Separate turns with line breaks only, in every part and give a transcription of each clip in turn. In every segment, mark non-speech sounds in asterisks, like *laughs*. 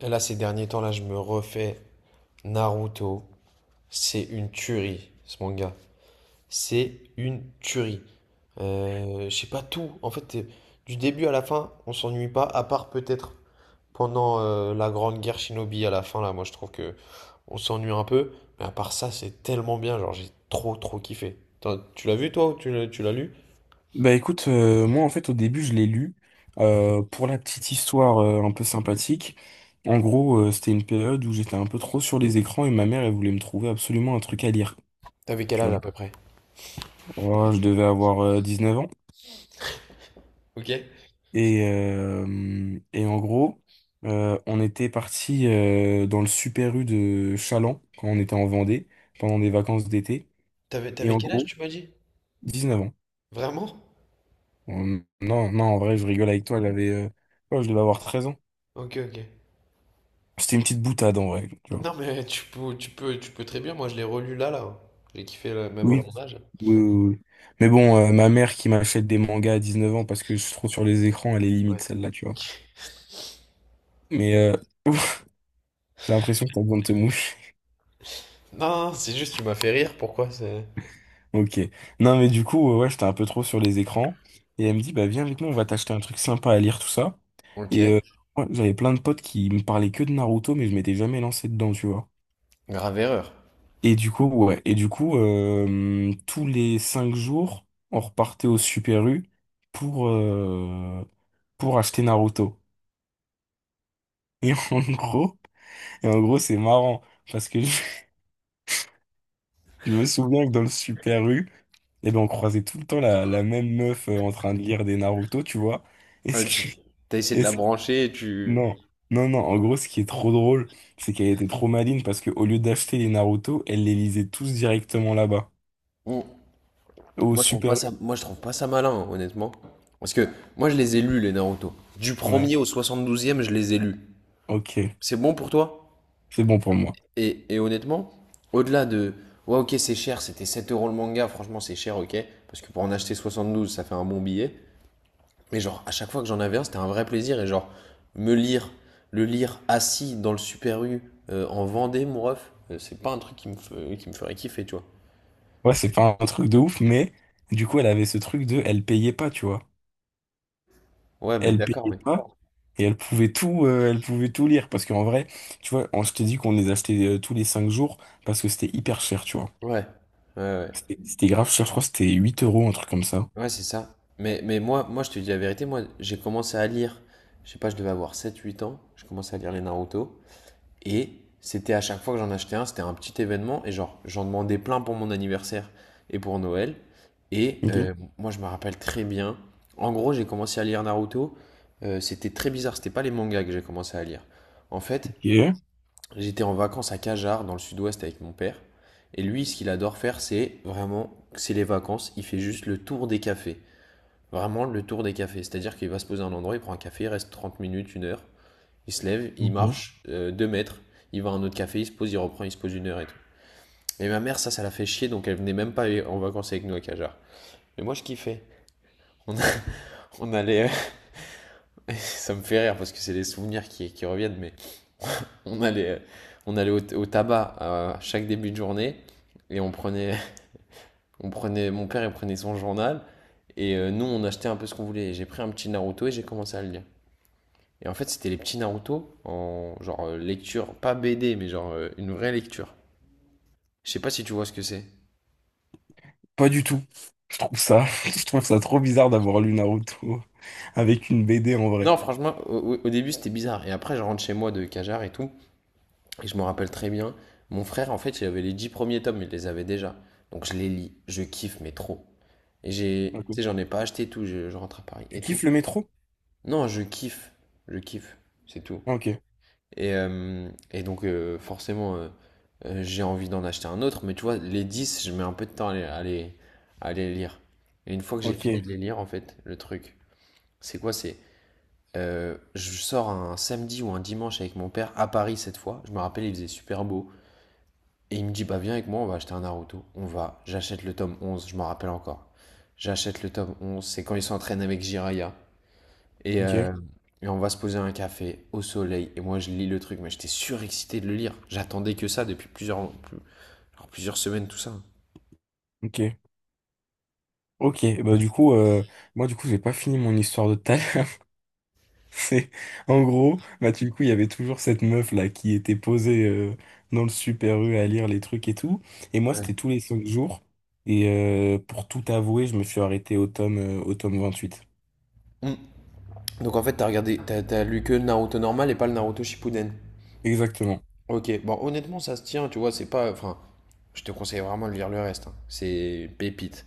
Là, ces derniers temps-là, je me refais Naruto. C'est une tuerie, ce manga. C'est une tuerie. Je sais pas tout. En fait, du début à la fin, on s'ennuie pas, à part peut-être pendant la Grande Guerre Shinobi à la fin, là, moi je trouve que on s'ennuie un peu. Mais à part ça, c'est tellement bien. Genre, j'ai trop, trop kiffé. Tu l'as vu toi ou tu l'as lu?
Bah écoute, moi en fait au début je l'ai lu pour la petite histoire un peu sympathique. En gros, c'était une période où j'étais un peu trop sur les écrans et ma mère elle voulait me trouver absolument un truc à lire.
T'avais quel
Tu
âge
vois.
à peu près?
Voilà, je devais avoir 9 ans
Ok.
et en gros on était parti dans le Super U de Chaland quand on était en Vendée pendant des vacances d'été
T'avais,
et
t'avais
en
quel âge,
gros
tu m'as dit?
19 ans.
Vraiment?
Non non en vrai je rigole avec toi, elle avait ouais, je devais avoir 13 ans.
Ok, ok.
C'était une petite boutade en vrai. Tu vois.
Non, mais tu peux très bien. Moi, je l'ai relu là, là. J'ai kiffé là, même à
Oui,
mon âge.
oui, oui. Oui. Mais bon, ma mère qui m'achète des mangas à 19 ans parce que je suis trop sur les écrans, elle est limite
Ouais.
celle-là, tu vois.
Ok.
Mais *laughs* j'ai l'impression que t'as besoin de te mouche.
Non, non, c'est juste, tu m'as fait rire. Pourquoi c'est.
Ok. Non, mais du coup, ouais, j'étais un peu trop sur les écrans. Et elle me dit, bah viens avec nous, on va t'acheter un truc sympa à lire, tout ça.
Ok,
Et ouais, j'avais plein de potes qui me parlaient que de Naruto, mais je m'étais jamais lancé dedans, tu vois.
grave erreur.
Et du coup, ouais. Et du coup, tous les 5 jours, on repartait au Super U pour, euh, pour acheter Naruto. Et *laughs* en gros. Et en gros, c'est marrant parce que *laughs* je me souviens que dans le Super U, eh ben, on croisait tout le temps la même meuf en train de lire des Naruto, tu vois. Et ce
Tu
qui...
t'as essayé de
et
la
ce-
brancher et tu...
Non, non, non. En gros, ce qui est trop drôle, c'est qu'elle était trop maligne parce qu'au lieu d'acheter les Naruto, elle les lisait tous directement là-bas,
Ouh.
au
Moi je trouve pas
Super
ça,
U.
moi je trouve pas ça malin, hein, honnêtement. Parce que moi je les ai lus les Naruto. Du
Ouais,
premier au 72e, je les ai lus.
ok.
C'est bon pour toi?
C'est bon pour moi.
Et honnêtement, au-delà de. Ouais, ok, c'est cher, c'était 7 euros le manga, franchement c'est cher, ok. Parce que pour en acheter 72, ça fait un bon billet. Mais genre, à chaque fois que j'en avais un, c'était un vrai plaisir. Et genre, me lire, le lire assis dans le Super U, en Vendée, mon ref, c'est pas un truc qui me ferait kiffer, tu vois.
Ouais, c'est pas un truc de ouf, mais du coup, elle avait ce truc de... Elle payait pas, tu vois.
Ouais, mais
Elle
d'accord,
payait
mais.
pas. Et elle pouvait tout lire. Parce qu'en vrai, tu vois, je t'ai dit qu'on les achetait tous les 5 jours parce que c'était hyper cher, tu vois.
Ouais, ouais, ouais.
C'était grave cher, je crois que c'était huit euros, un truc comme ça.
Ouais, c'est ça. Mais moi, je te dis la vérité, moi, j'ai commencé à lire, je sais pas, je devais avoir sept huit ans, je commençais à lire les Naruto. Et c'était à chaque fois que j'en achetais un, c'était un petit événement. Et genre, j'en demandais plein pour mon anniversaire et pour Noël. Et
Ok.
moi, je me rappelle très bien. En gros, j'ai commencé à lire Naruto. C'était très bizarre. C'était pas les mangas que j'ai commencé à lire. En fait,
Ok.
j'étais en vacances à Cajar, dans le sud-ouest, avec mon père. Et lui, ce qu'il adore faire, c'est vraiment, c'est les vacances. Il fait juste le tour des cafés. Vraiment le tour des cafés. C'est-à-dire qu'il va se poser à un endroit, il prend un café, il reste 30 minutes, une heure. Il se lève, il
Ok.
marche 2 deux mètres, il va à un autre café, il se pose, il reprend, il se pose une heure et tout. Et ma mère, ça la fait chier, donc elle venait même pas en vacances avec nous à Cajar. Mais moi, je kiffais. On, a- *laughs* on allait, *laughs* ça me fait rire parce que c'est les souvenirs qui reviennent, mais on allait, euh, on allait au tabac à chaque début de journée et on prenait, *laughs* on prenait, mon père, il prenait son journal et nous, on achetait un peu ce qu'on voulait. J'ai pris un petit Naruto et j'ai commencé à le lire. Et en fait, c'était les petits Naruto en genre lecture, pas BD, mais genre une vraie lecture. Je sais pas si tu vois ce que c'est.
Pas du tout. Je trouve ça, *laughs* je trouve ça trop bizarre d'avoir lu Naruto *laughs* avec une BD en vrai.
Non, franchement, début c'était bizarre. Et après, je rentre chez moi de Cajar et tout. Et je me rappelle très bien, mon frère, en fait, il avait les 10 premiers tomes, il les avait déjà. Donc je les lis, je kiffe, mais trop. Et j'ai.
Ok.
Tu sais, j'en ai pas acheté et tout, je rentre à Paris
Tu
et tout.
kiffes le métro?
Non, je kiffe, c'est tout.
Ah, ok.
Et donc, forcément, j'ai envie d'en acheter un autre. Mais tu vois, les 10, je mets un peu de temps à les, lire. Et une fois que j'ai
Ok.
fini de les lire, en fait, le truc, c'est quoi? C'est. Je sors un samedi ou un dimanche avec mon père à Paris cette fois. Je me rappelle, il faisait super beau. Et il me dit, bah viens avec moi, on va acheter un Naruto. On va. J'achète le tome 11. Je m'en rappelle encore. J'achète le tome onze, c'est quand ils s'entraînent avec Jiraiya. Et,
Ok.
euh, et on va se poser à un café au soleil. Et moi, je lis le truc, mais j'étais surexcité de le lire. J'attendais que ça depuis genre plusieurs semaines, tout ça.
Ok. Ok. Bah du coup, moi du coup, j'ai pas fini mon histoire de tout. C'est en gros, bah du coup, il y avait toujours cette meuf là qui était posée dans le Super U à lire les trucs et tout. Et moi,
Ouais.
c'était tous les 5 jours. Et pour tout avouer, je me suis arrêté au tome 28.
Mm. Donc en fait, t'as lu que le Naruto normal et pas le Naruto Shippuden.
Exactement.
Ok, bon, honnêtement, ça se tient, tu vois, c'est pas. Enfin, je te conseille vraiment de lire le reste, hein. C'est une pépite.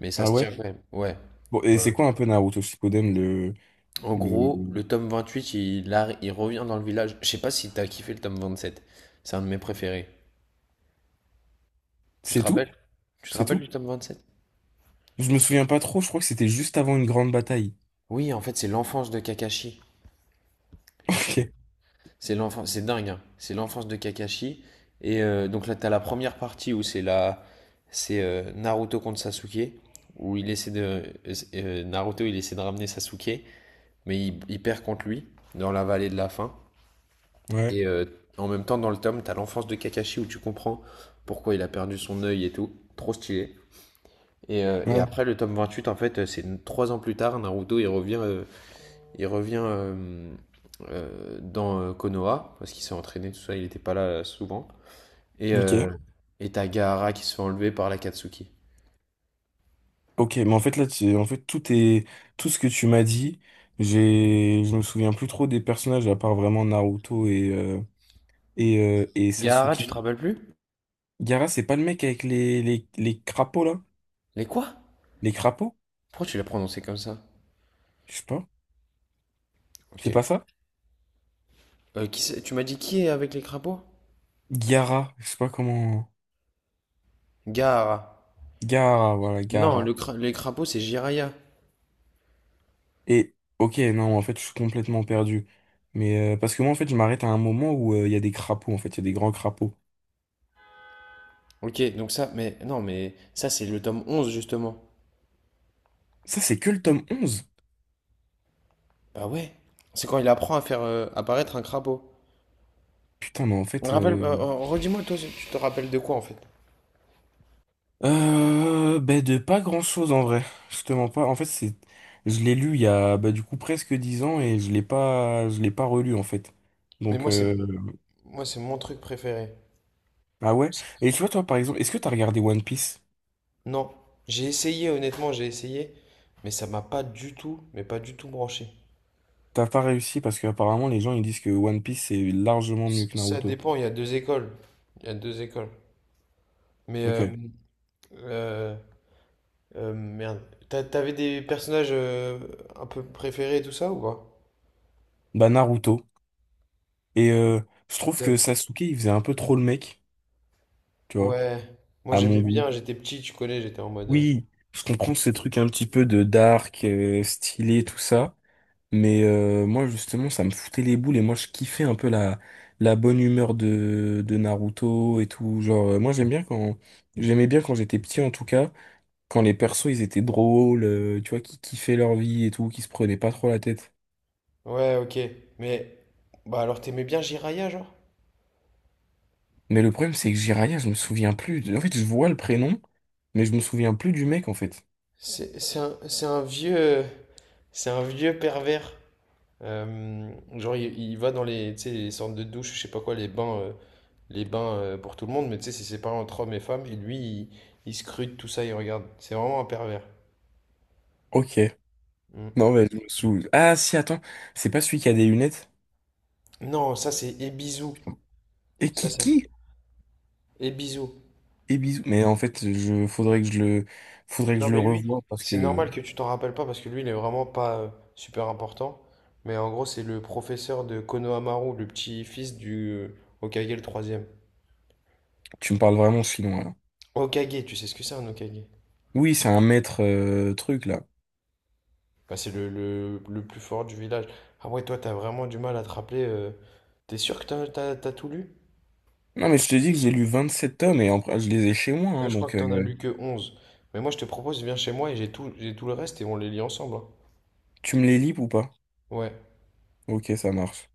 Mais ça
Ah
se
ouais?
tient quand même. Ouais.
Bon, et c'est quoi un peu Naruto Shippuden.
En
Le
gros, le tome 28, il revient dans le village. Je sais pas si t'as kiffé le tome 27. C'est un de mes préférés. Tu te
C'est tout?
rappelles? Tu te
C'est
rappelles
tout?
du tome 27.
Je me souviens pas trop, je crois que c'était juste avant une grande bataille.
Oui, en fait, c'est l'enfance de Kakashi.
*laughs*
C'est
Ok.
c'est l'enfance, c'est dingue, hein. C'est l'enfance de Kakashi. Et donc là, t'as la première partie où c'est la, c'est Naruto contre Sasuke, où Naruto, il essaie de ramener Sasuke. Mais il perd contre lui dans la vallée de la faim.
Ouais.
Et en même temps, dans le tome, t'as l'enfance de Kakashi où tu comprends pourquoi il a perdu son œil et tout. Trop stylé. Et
Ouais.
après, le tome 28 en fait, c'est 3 ans plus tard, Naruto, il revient dans Konoha, parce qu'il s'est entraîné, tout ça, il n'était pas là souvent. Et
Ok.
euh, et t'as Gaara qui se fait enlever par la Katsuki.
Ok, mais en fait là, en fait tout est tout ce que tu m'as dit, j'ai je me souviens plus trop des personnages à part vraiment Naruto et
Gaara, tu te
Sasuke.
rappelles plus?
Gaara, c'est pas le mec avec les crapauds là?
Les quoi?
Les crapauds?
Pourquoi tu l'as prononcé comme ça?
Je sais pas.
Ok.
C'est pas ça?
Tu m'as dit qui est avec les crapauds?
Gaara, je sais pas comment.
Gaara.
Gaara, voilà,
Non,
Gaara.
les crapauds, c'est Jiraya.
Et ok, non, en fait, je suis complètement perdu. Mais parce que moi en fait, je m'arrête à un moment où il y a des crapauds en fait, il y a des grands crapauds.
Ok, donc ça, mais non, mais ça, c'est le tome 11 justement.
Ça, c'est que le tome 11.
Bah ouais, c'est quand il apprend à faire apparaître un crapaud.
Putain, mais en
On
fait,
rappelle, euh, euh, redis-moi, toi, tu te rappelles de quoi, en fait?
Ben de pas grand-chose en vrai. Justement pas. En fait, c'est, je l'ai lu il y a bah, du coup presque 10 ans et je l'ai pas relu en fait.
Mais
Donc
moi, c'est moi, c'est mon truc préféré.
ah ouais.
C'est-
Et tu vois toi par exemple, est-ce que t'as regardé One Piece?
Non, j'ai essayé, honnêtement, j'ai essayé, mais ça m'a pas du tout, mais pas du tout branché.
T'as pas réussi parce que apparemment les gens ils disent que One Piece c'est largement mieux que
Ça
Naruto.
dépend, il y a deux écoles. Il y a deux écoles. Mais,
Ok.
euh, euh, euh, merde, T'a- t'avais des personnages un peu préférés, et tout ça, ou
Bah Naruto. Et je trouve que
pas?
Sasuke il faisait un peu trop le mec, tu vois,
Ouais, moi
à mon
j'aimais bien,
goût.
j'étais petit, tu connais, j'étais en mode.
Oui, je comprends ces trucs un petit peu de dark, stylé, tout ça. Mais moi justement ça me foutait les boules et moi je kiffais un peu la bonne humeur de Naruto et tout. Genre moi j'aimais bien quand j'étais petit en tout cas, quand les persos ils étaient drôles, tu vois, qui kiffaient leur vie et tout, qui se prenaient pas trop la tête.
Ouais, ok, mais. Bah alors t'aimais bien Jiraya, genre?
Mais le problème c'est que Jiraiya, je me souviens plus. En fait je vois le prénom, mais je me souviens plus du mec en fait.
C'est un vieux. C'est un vieux pervers. Euh, genre, il va dans tu sais, les sortes de douches, je sais pas quoi, les bains pour tout le monde, mais tu sais, c'est séparé entre hommes et femmes, et lui, il scrute tout ça, il regarde. C'est vraiment un pervers.
Ok.
Mm.
Non mais je me souviens. Ah si attends, c'est pas celui qui a des lunettes.
Non, ça c'est Ebizou.
Et
Ça.
Kiki
Ebizou.
et bisous. Mais en fait je faudrait que je le faudrait que
Non
je le
mais lui,
revoie parce
c'est
que.
normal que tu t'en rappelles pas parce que lui il est vraiment pas super important. Mais en gros c'est le professeur de Konohamaru, Maru, le petit-fils du Hokage le troisième.
Tu me parles vraiment chinois, là.
Hokage, tu sais ce que c'est un Hokage?
Oui, c'est un maître truc, là.
Bah, c'est le, plus fort du village. Ah ouais toi t'as vraiment du mal à te rappeler. T'es sûr que t'as tout lu?
Non, mais je te dis que j'ai lu 27 tomes et je les ai chez moi,
Là,
hein,
je crois que
donc
t'en as lu que 11. Mais moi je te propose viens chez moi et j'ai tout le reste et on les lit ensemble, hein.
tu me les lis ou pas?
Ouais.
Ok, ça marche.